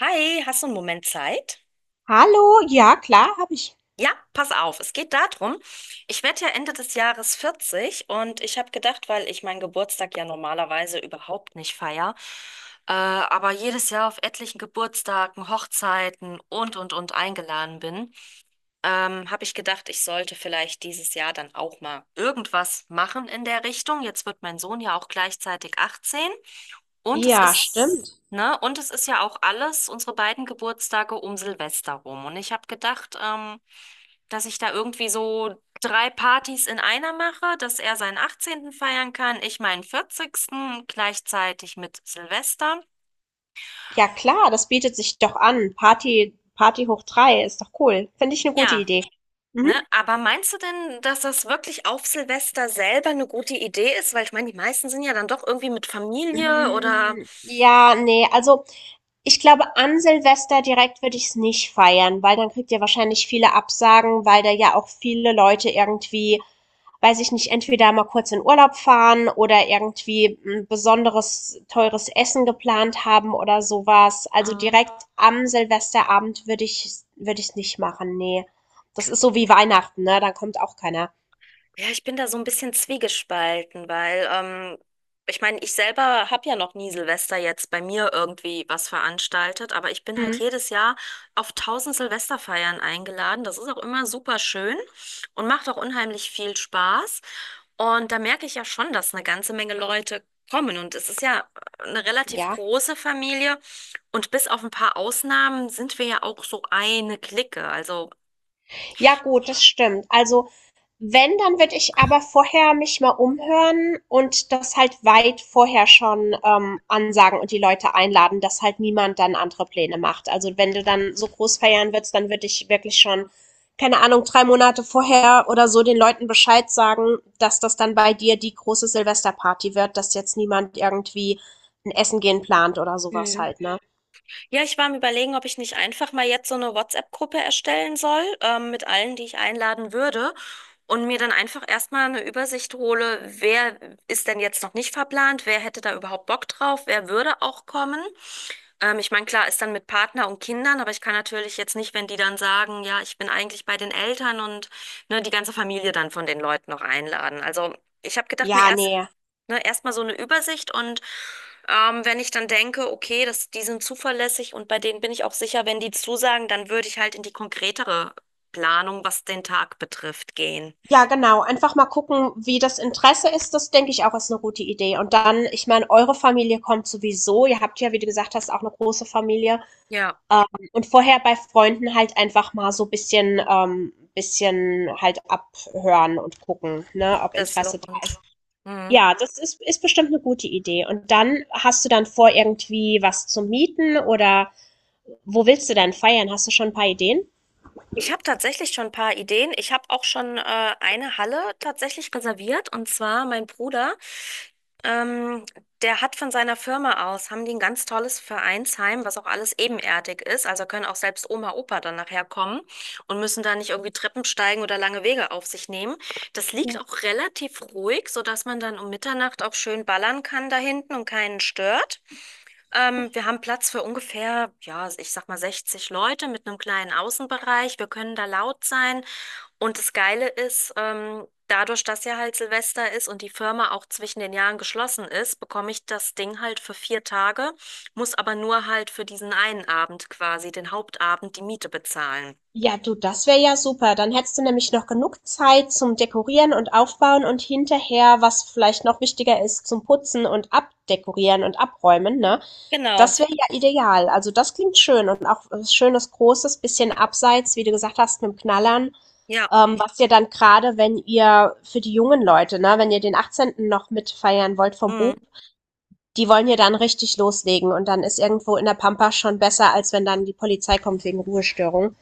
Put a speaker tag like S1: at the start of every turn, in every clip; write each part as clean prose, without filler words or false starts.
S1: Hi, hast du einen Moment Zeit?
S2: Hallo, ja klar, habe ich.
S1: Ja, pass auf, es geht darum, ich werde ja Ende des Jahres 40 und ich habe gedacht, weil ich meinen Geburtstag ja normalerweise überhaupt nicht feier, aber jedes Jahr auf etlichen Geburtstagen, Hochzeiten und eingeladen bin, habe ich gedacht, ich sollte vielleicht dieses Jahr dann auch mal irgendwas machen in der Richtung. Jetzt wird mein Sohn ja auch gleichzeitig 18, und es
S2: Ja,
S1: ist,
S2: stimmt.
S1: ne, und es ist ja auch alles, unsere beiden Geburtstage um Silvester rum. Und ich habe gedacht, dass ich da irgendwie so drei Partys in einer mache, dass er seinen 18. feiern kann, ich meinen 40. gleichzeitig mit Silvester.
S2: Ja klar, das bietet sich doch an. Party, Party hoch drei ist doch cool. Finde ich eine gute
S1: Ja,
S2: Idee.
S1: ne?
S2: Mhm.
S1: Aber meinst du denn, dass das wirklich auf Silvester selber eine gute Idee ist? Weil ich meine, die meisten sind ja dann doch irgendwie mit Familie oder.
S2: Hm, ja, ne, also ich glaube, an Silvester direkt würde ich es nicht feiern, weil dann kriegt ihr wahrscheinlich viele Absagen, weil da ja auch viele Leute irgendwie, weiß ich nicht, entweder mal kurz in Urlaub fahren oder irgendwie ein besonderes teures Essen geplant haben oder sowas. Also direkt am Silvesterabend würde ich's nicht machen, nee. Das ist so wie Weihnachten, ne? Dann kommt auch keiner.
S1: Ja, ich bin da so ein bisschen zwiegespalten, weil ich meine, ich selber habe ja noch nie Silvester jetzt bei mir irgendwie was veranstaltet, aber ich bin halt
S2: Mhm.
S1: jedes Jahr auf tausend Silvesterfeiern eingeladen. Das ist auch immer super schön und macht auch unheimlich viel Spaß. Und da merke ich ja schon, dass eine ganze Menge Leute kommen. Und es ist ja eine relativ
S2: Ja.
S1: große Familie. Und bis auf ein paar Ausnahmen sind wir ja auch so eine Clique. Also.
S2: Ja, gut, das stimmt. Also wenn, dann würde ich aber vorher mich mal umhören und das halt weit vorher schon ansagen und die Leute einladen, dass halt niemand dann andere Pläne macht. Also wenn du dann so groß feiern willst, dann würde ich wirklich schon, keine Ahnung, drei Monate vorher oder so den Leuten Bescheid sagen, dass das dann bei dir die große Silvesterparty wird, dass jetzt niemand irgendwie ein Essen gehen plant oder sowas halt, ne?
S1: Ja, ich war am Überlegen, ob ich nicht einfach mal jetzt so eine WhatsApp-Gruppe erstellen soll, mit allen, die ich einladen würde. Und mir dann einfach erstmal eine Übersicht hole, wer ist denn jetzt noch nicht verplant, wer hätte da überhaupt Bock drauf, wer würde auch kommen. Ich meine, klar, ist dann mit Partner und Kindern, aber ich kann natürlich jetzt nicht, wenn die dann sagen, ja, ich bin eigentlich bei den Eltern und ne, die ganze Familie dann von den Leuten noch einladen. Also ich habe gedacht, mir
S2: Ja,
S1: erst,
S2: nee.
S1: ne, erstmal so eine Übersicht, und wenn ich dann denke, okay, das, die sind zuverlässig und bei denen bin ich auch sicher, wenn die zusagen, dann würde ich halt in die konkretere Planung, was den Tag betrifft, gehen.
S2: Ja, genau. Einfach mal gucken, wie das Interesse ist. Das denke ich auch ist eine gute Idee. Und dann, ich meine, eure Familie kommt sowieso. Ihr habt ja, wie du gesagt hast, auch eine große Familie.
S1: Ja,
S2: Ähm, und vorher bei Freunden halt einfach mal so ein bisschen halt abhören und gucken, ne, ob
S1: das
S2: Interesse da
S1: lohnt.
S2: ist.
S1: Mhm.
S2: Ja, das ist bestimmt eine gute Idee. Und dann hast du dann vor, irgendwie was zu mieten oder wo willst du denn feiern? Hast du schon ein paar Ideen?
S1: Ich habe tatsächlich schon ein paar Ideen. Ich habe auch schon eine Halle tatsächlich reserviert. Und zwar mein Bruder, ähm, der hat von seiner Firma aus, haben die ein ganz tolles Vereinsheim, was auch alles ebenerdig ist. Also können auch selbst Oma, Opa dann nachher kommen und müssen da nicht irgendwie Treppen steigen oder lange Wege auf sich nehmen. Das liegt
S2: Ja.
S1: auch relativ ruhig, sodass man dann um Mitternacht auch schön ballern kann da hinten und keinen stört. Wir haben Platz für ungefähr, ja, ich sag mal 60 Leute mit einem kleinen Außenbereich. Wir können da laut sein. Und das Geile ist, dadurch, dass ja halt Silvester ist und die Firma auch zwischen den Jahren geschlossen ist, bekomme ich das Ding halt für 4 Tage, muss aber nur halt für diesen einen Abend quasi, den Hauptabend, die Miete bezahlen.
S2: Ja, du, das wäre ja super. Dann hättest du nämlich noch genug Zeit zum Dekorieren und Aufbauen und hinterher, was vielleicht noch wichtiger ist, zum Putzen und Abdekorieren und Abräumen, ne?
S1: Genau,
S2: Das wäre ja ideal. Also das klingt schön und auch was schönes Großes, bisschen abseits, wie du gesagt hast, mit dem Knallern.
S1: ja.
S2: Was ihr dann gerade, wenn ihr für die jungen Leute, ne, wenn ihr den 18. noch mitfeiern wollt vom
S1: Mhm.
S2: Bub, die wollen ja dann richtig loslegen und dann ist irgendwo in der Pampa schon besser, als wenn dann die Polizei kommt wegen Ruhestörung.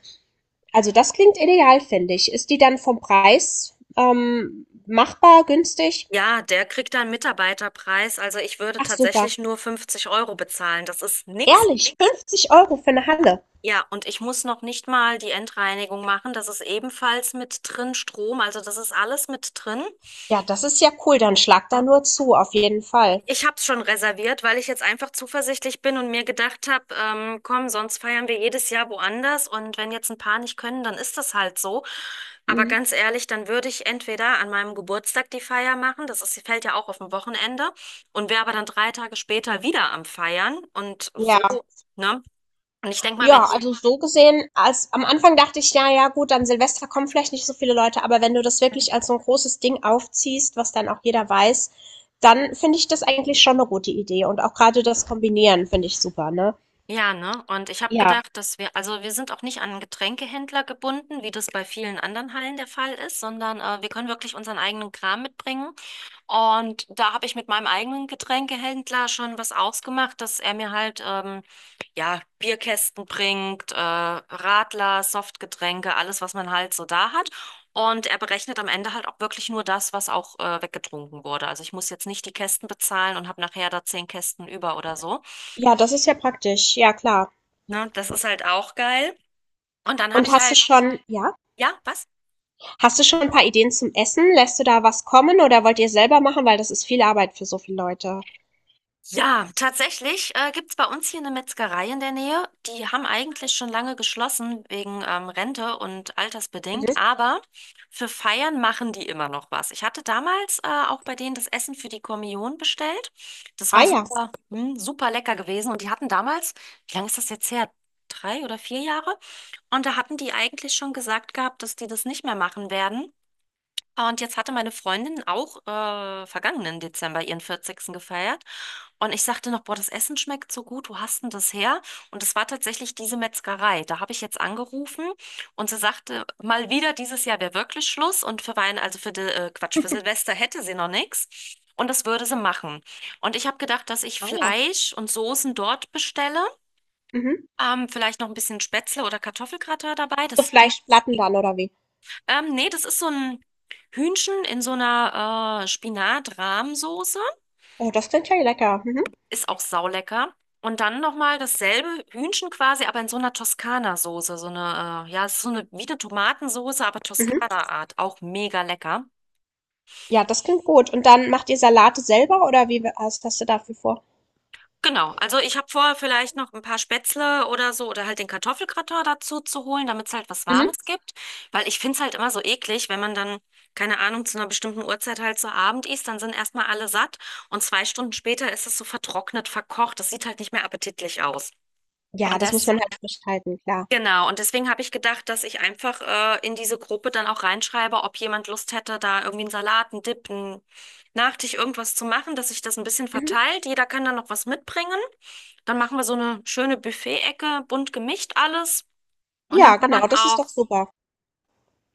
S2: Also das klingt ideal, finde ich. Ist die dann vom Preis, machbar, günstig?
S1: Ja, der kriegt da einen Mitarbeiterpreis. Also ich würde
S2: Ach super.
S1: tatsächlich nur 50 € bezahlen. Das ist nix.
S2: Ehrlich, 50 Euro für eine Halle.
S1: Ja, und ich muss noch nicht mal die Endreinigung machen. Das ist ebenfalls mit drin, Strom. Also das ist alles mit drin.
S2: Ja, das ist ja cool, dann schlag da nur zu, auf jeden Fall.
S1: Ich habe es schon reserviert, weil ich jetzt einfach zuversichtlich bin und mir gedacht habe, komm, sonst feiern wir jedes Jahr woanders. Und wenn jetzt ein paar nicht können, dann ist das halt so. Aber
S2: Mhm.
S1: ganz ehrlich, dann würde ich entweder an meinem Geburtstag die Feier machen. Das ist, fällt ja auch auf ein Wochenende. Und wäre aber dann 3 Tage später wieder am Feiern. Und
S2: Ja.
S1: so, ne? Und ich denke mal, wenn
S2: Ja,
S1: die.
S2: also so gesehen als am Anfang dachte ich: „Ja, ja gut, an Silvester kommen vielleicht nicht so viele Leute“, aber wenn du das wirklich als so ein großes Ding aufziehst, was dann auch jeder weiß, dann finde ich das eigentlich schon eine gute Idee und auch gerade das Kombinieren finde ich super, ne?
S1: Ja, ne? Und ich habe
S2: Ja.
S1: gedacht, dass wir, also wir sind auch nicht an einen Getränkehändler gebunden, wie das bei vielen anderen Hallen der Fall ist, sondern wir können wirklich unseren eigenen Kram mitbringen. Und da habe ich mit meinem eigenen Getränkehändler schon was ausgemacht, dass er mir halt, ja, Bierkästen bringt, Radler, Softgetränke, alles, was man halt so da hat. Und er berechnet am Ende halt auch wirklich nur das, was auch weggetrunken wurde. Also ich muss jetzt nicht die Kästen bezahlen und habe nachher da zehn Kästen über oder so.
S2: Ja, das ist ja praktisch. Ja, klar.
S1: Ne? Das ist halt auch geil. Und dann habe
S2: Und
S1: ich
S2: hast du
S1: halt,
S2: schon, ja,
S1: ja, was?
S2: hast du schon ein paar Ideen zum Essen? Lässt du da was kommen oder wollt ihr selber machen? Weil das ist viel Arbeit für so viele Leute.
S1: Ja, tatsächlich gibt's bei uns hier eine Metzgerei in der Nähe. Die haben eigentlich schon lange geschlossen wegen Rente und altersbedingt,
S2: Mhm.
S1: aber für Feiern machen die immer noch was. Ich hatte damals auch bei denen das Essen für die Kommunion bestellt. Das
S2: Ah
S1: war
S2: ja,
S1: super, super lecker gewesen. Und die hatten damals, wie lange ist das jetzt her? 3 oder 4 Jahre? Und da hatten die eigentlich schon gesagt gehabt, dass die das nicht mehr machen werden. Und jetzt hatte meine Freundin auch vergangenen Dezember ihren 40. gefeiert. Und ich sagte noch, boah, das Essen schmeckt so gut, wo hast denn das her? Und es war tatsächlich diese Metzgerei. Da habe ich jetzt angerufen, und sie sagte, mal wieder, dieses Jahr wäre wirklich Schluss. Und für Weihnachten, also für die, Quatsch, für Silvester hätte sie noch nichts. Und das würde sie machen. Und ich habe gedacht, dass ich
S2: ah ja.
S1: Fleisch und Soßen dort bestelle.
S2: Mhm.
S1: Vielleicht noch ein bisschen Spätzle oder Kartoffelgratin dabei.
S2: So
S1: Das ging,
S2: Fleischplatten dann oder wie?
S1: nee, das ist so ein Hühnchen in so einer Spinat-Rahmsoße.
S2: Oh, das klingt ja lecker. Mhm.
S1: Ist auch saulecker. Und dann nochmal dasselbe Hühnchen quasi, aber in so einer Toskana-Soße. So eine, ja, es ist so eine, wie eine Tomatensoße, aber
S2: Mhm.
S1: Toskana-Art. Auch mega lecker.
S2: Ja, das klingt gut. Und dann macht ihr Salate selber oder wie, was hast du dafür vor?
S1: Genau, also ich habe vor, vielleicht noch ein paar Spätzle oder so oder halt den Kartoffelgratin dazu zu holen, damit es halt was
S2: Mhm.
S1: Warmes gibt. Weil ich finde es halt immer so eklig, wenn man dann, keine Ahnung, zu einer bestimmten Uhrzeit halt so Abend isst, dann sind erstmal alle satt und 2 Stunden später ist es so vertrocknet, verkocht. Das sieht halt nicht mehr appetitlich aus.
S2: Ja,
S1: Und
S2: das muss
S1: das,
S2: man halt frisch halten, klar.
S1: genau, und deswegen habe ich gedacht, dass ich einfach in diese Gruppe dann auch reinschreibe, ob jemand Lust hätte, da irgendwie einen Salat, einen Dip, einen Nachtisch, irgendwas zu machen, dass sich das ein bisschen
S2: Mhm.
S1: verteilt. Jeder kann dann noch was mitbringen. Dann machen wir so eine schöne Buffet-Ecke, bunt gemischt alles. Und dann
S2: Ja,
S1: kann
S2: genau,
S1: man
S2: das ist
S1: auch,
S2: doch super.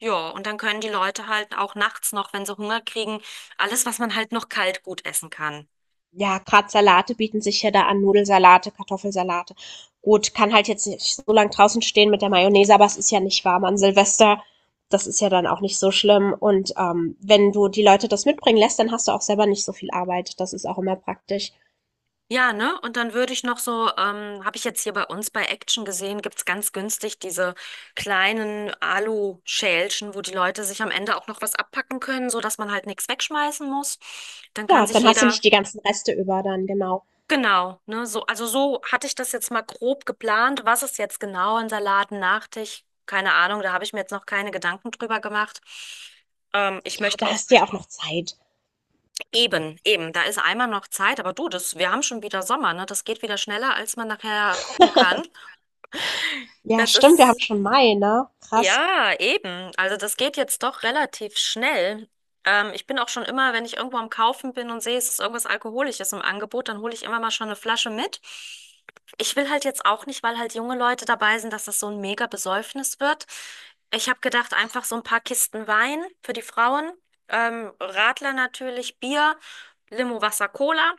S1: ja, und dann können die Leute halt auch nachts noch, wenn sie Hunger kriegen, alles, was man halt noch kalt gut essen kann.
S2: Ja, gerade Salate bieten sich ja da an, Nudelsalate, Kartoffelsalate. Gut, kann halt jetzt nicht so lang draußen stehen mit der Mayonnaise, aber es ist ja nicht warm an Silvester. Das ist ja dann auch nicht so schlimm. Und wenn du die Leute das mitbringen lässt, dann hast du auch selber nicht so viel Arbeit. Das ist auch immer praktisch.
S1: Ja, ne? Und dann würde ich noch so, habe ich jetzt hier bei uns bei Action gesehen, gibt's ganz günstig diese kleinen Alu-Schälchen, wo die Leute sich am Ende auch noch was abpacken können, so dass man halt nichts wegschmeißen muss. Dann kann
S2: Ja,
S1: sich
S2: dann hast du
S1: jeder.
S2: nicht die ganzen Reste über dann, genau.
S1: Genau, ne, so, also so hatte ich das jetzt mal grob geplant. Was ist jetzt genau ein Salat, ein Nachtisch? Keine Ahnung, da habe ich mir jetzt noch keine Gedanken drüber gemacht. Ich
S2: Ja,
S1: möchte
S2: da
S1: auch
S2: hast du ja auch noch Zeit.
S1: eben, eben, da ist einmal noch Zeit, aber du, das, wir haben schon wieder Sommer, ne? Das geht wieder schneller, als man nachher gucken kann.
S2: Ja,
S1: Das
S2: stimmt, wir haben
S1: ist.
S2: schon Mai, ne? Krass.
S1: Ja, eben. Also das geht jetzt doch relativ schnell. Ich bin auch schon immer, wenn ich irgendwo am Kaufen bin und sehe, es ist irgendwas Alkoholisches im Angebot, dann hole ich immer mal schon eine Flasche mit. Ich will halt jetzt auch nicht, weil halt junge Leute dabei sind, dass das so ein mega Besäufnis wird. Ich habe gedacht, einfach so ein paar Kisten Wein für die Frauen, Radler natürlich, Bier, Limo, Wasser, Cola.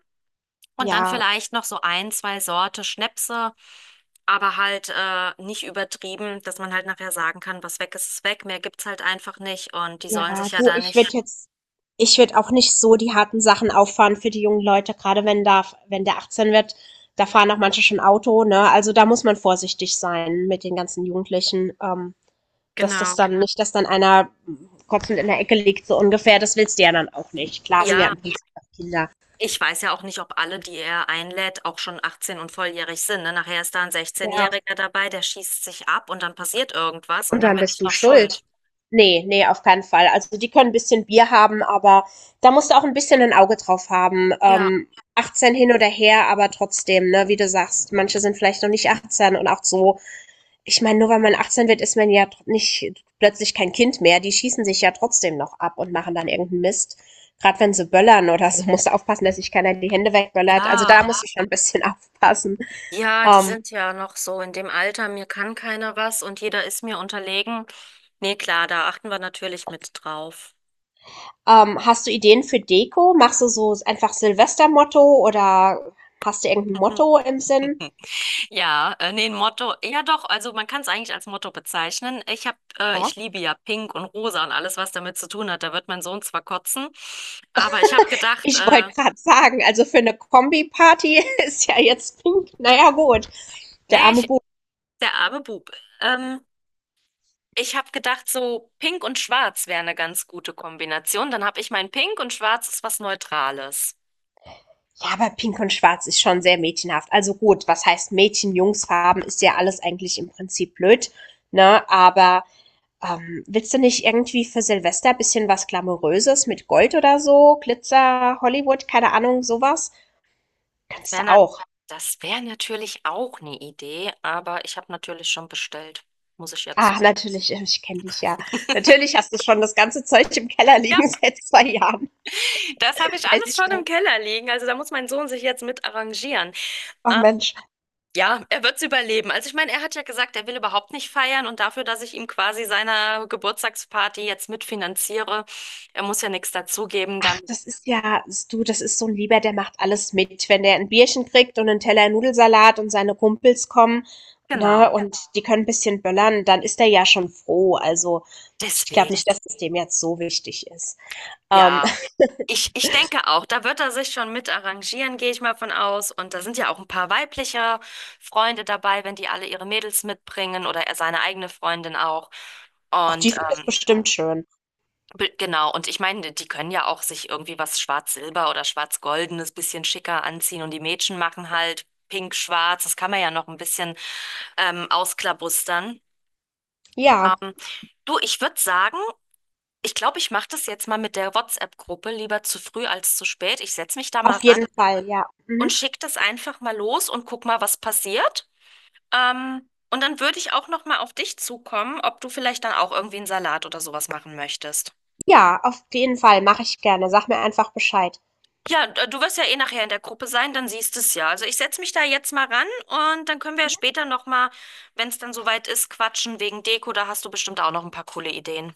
S1: Und dann
S2: Ja.
S1: vielleicht noch so ein, zwei Sorte Schnäpse, aber halt nicht übertrieben, dass man halt nachher sagen kann, was weg ist, ist weg. Mehr gibt's halt einfach nicht, und die sollen
S2: Ja,
S1: sich ja
S2: du,
S1: da
S2: ich würde
S1: nicht.
S2: jetzt ich würde auch nicht so die harten Sachen auffahren für die jungen Leute, gerade wenn der 18 wird, da fahren auch manche schon Auto, ne? Also da muss man vorsichtig sein mit den ganzen Jugendlichen, dass das
S1: Genau.
S2: dann nicht, dass dann einer kotzend in der Ecke liegt, so ungefähr, das willst du ja dann auch nicht. Klar sind ja
S1: Ja,
S2: im Prinzip auch Kinder.
S1: ich weiß ja auch nicht, ob alle, die er einlädt, auch schon 18 und volljährig sind. Ne? Nachher ist da ein
S2: Ja,
S1: 16-Jähriger dabei, der schießt sich ab und dann passiert irgendwas und dann bin ich
S2: du
S1: noch schuld.
S2: schuld. Nee, nee, auf keinen Fall. Also, die können 'n bisschen Bier haben, aber da musst du auch ein bisschen ein Auge drauf haben.
S1: Ja.
S2: 18 hin oder her, aber trotzdem, ne, wie du sagst, manche sind vielleicht noch nicht 18 und auch so, ich meine, nur weil man 18 wird, ist man ja tr nicht plötzlich kein Kind mehr. Die schießen sich ja trotzdem noch ab und machen dann irgendeinen Mist. Gerade wenn sie böllern oder so, musst du aufpassen, dass sich keiner die Hände wegböllert. Also, da
S1: Ja.
S2: musst du schon ein bisschen aufpassen.
S1: Ja, die
S2: Ähm,
S1: sind ja noch so in dem Alter, mir kann keiner was und jeder ist mir unterlegen. Nee, klar, da achten wir natürlich mit drauf.
S2: Hast du Ideen für Deko? Machst du so einfach Silvestermotto oder hast du irgendein Motto im Sinn?
S1: Ja, nee, ein Motto, ja doch, also man kann es eigentlich als Motto bezeichnen. Ich
S2: Ja,
S1: liebe ja Pink und Rosa und alles, was damit zu tun hat. Da wird mein Sohn zwar kotzen, aber ich habe gedacht,
S2: ich wollte gerade sagen, also für eine Kombi-Party ist ja jetzt pink. Naja, gut. Der
S1: naja,
S2: arme
S1: ich,
S2: Bub.
S1: der arme Bub. Ähm, Ich habe gedacht, so Pink und Schwarz wäre eine ganz gute Kombination. Dann habe ich mein Pink, und Schwarz ist was Neutrales.
S2: Ja, aber pink und schwarz ist schon sehr mädchenhaft. Also gut, was heißt Mädchen-Jungs-Farben, ist ja alles eigentlich im Prinzip blöd, ne? Aber willst du nicht irgendwie für Silvester ein bisschen was Glamouröses mit Gold oder so? Glitzer, Hollywood, keine Ahnung, sowas?
S1: Das
S2: Kannst
S1: wäre
S2: du
S1: na,
S2: auch.
S1: das wär natürlich auch eine Idee, aber ich habe natürlich schon bestellt. Muss ich ja zu.
S2: Ach, natürlich, ich kenne dich ja. Natürlich hast du schon das ganze Zeug im Keller
S1: Ja,
S2: liegen seit zwei Jahren.
S1: das habe ich
S2: Weiß
S1: alles
S2: ich
S1: schon im
S2: noch.
S1: Keller liegen. Also da muss mein Sohn sich jetzt mit arrangieren.
S2: Ach Mensch,
S1: Ja, er wird es überleben. Also ich meine, er hat ja gesagt, er will überhaupt nicht feiern, und dafür, dass ich ihm quasi seine Geburtstagsparty jetzt mitfinanziere, er muss ja nichts dazugeben, dann
S2: ach, das ist ja, du, das ist so ein Lieber, der macht alles mit. Wenn der ein Bierchen kriegt und einen Teller Nudelsalat und seine Kumpels kommen, ne,
S1: genau.
S2: und die können ein bisschen böllern, dann ist er ja schon froh. Also, ich glaube
S1: Deswegen.
S2: nicht, dass es dem jetzt so wichtig ist. Ähm,
S1: Ja. Ich denke auch, da wird er sich schon mit arrangieren, gehe ich mal von aus. Und da sind ja auch ein paar weibliche Freunde dabei, wenn die alle ihre Mädels mitbringen oder er seine eigene Freundin auch.
S2: auch die
S1: Und
S2: finden es bestimmt schön.
S1: genau, und ich meine, die können ja auch sich irgendwie was Schwarz-Silber oder Schwarz-Goldenes bisschen schicker anziehen und die Mädchen machen halt Pink-Schwarz. Das kann man ja noch ein bisschen ausklabustern.
S2: Ja,
S1: Ähm, Du, ich würde sagen, ich glaube, ich mache das jetzt mal mit der WhatsApp-Gruppe lieber zu früh als zu spät. Ich setze mich da mal
S2: auf
S1: ran
S2: jeden Fall, ja.
S1: und
S2: Mhm.
S1: schick das einfach mal los und guck mal, was passiert. Und dann würde ich auch noch mal auf dich zukommen, ob du vielleicht dann auch irgendwie einen Salat oder sowas machen möchtest.
S2: Ja, auf jeden Fall mache ich gerne. Sag mir einfach Bescheid.
S1: Ja, du wirst ja eh nachher in der Gruppe sein, dann siehst du es ja. Also ich setze mich da jetzt mal ran und dann können wir ja später noch mal, wenn es dann soweit ist, quatschen wegen Deko. Da hast du bestimmt auch noch ein paar coole Ideen.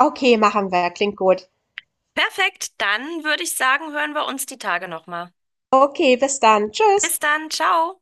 S2: Okay, machen wir. Klingt gut.
S1: Perfekt, dann würde ich sagen, hören wir uns die Tage noch mal.
S2: Okay, bis dann. Tschüss.
S1: Bis dann, ciao.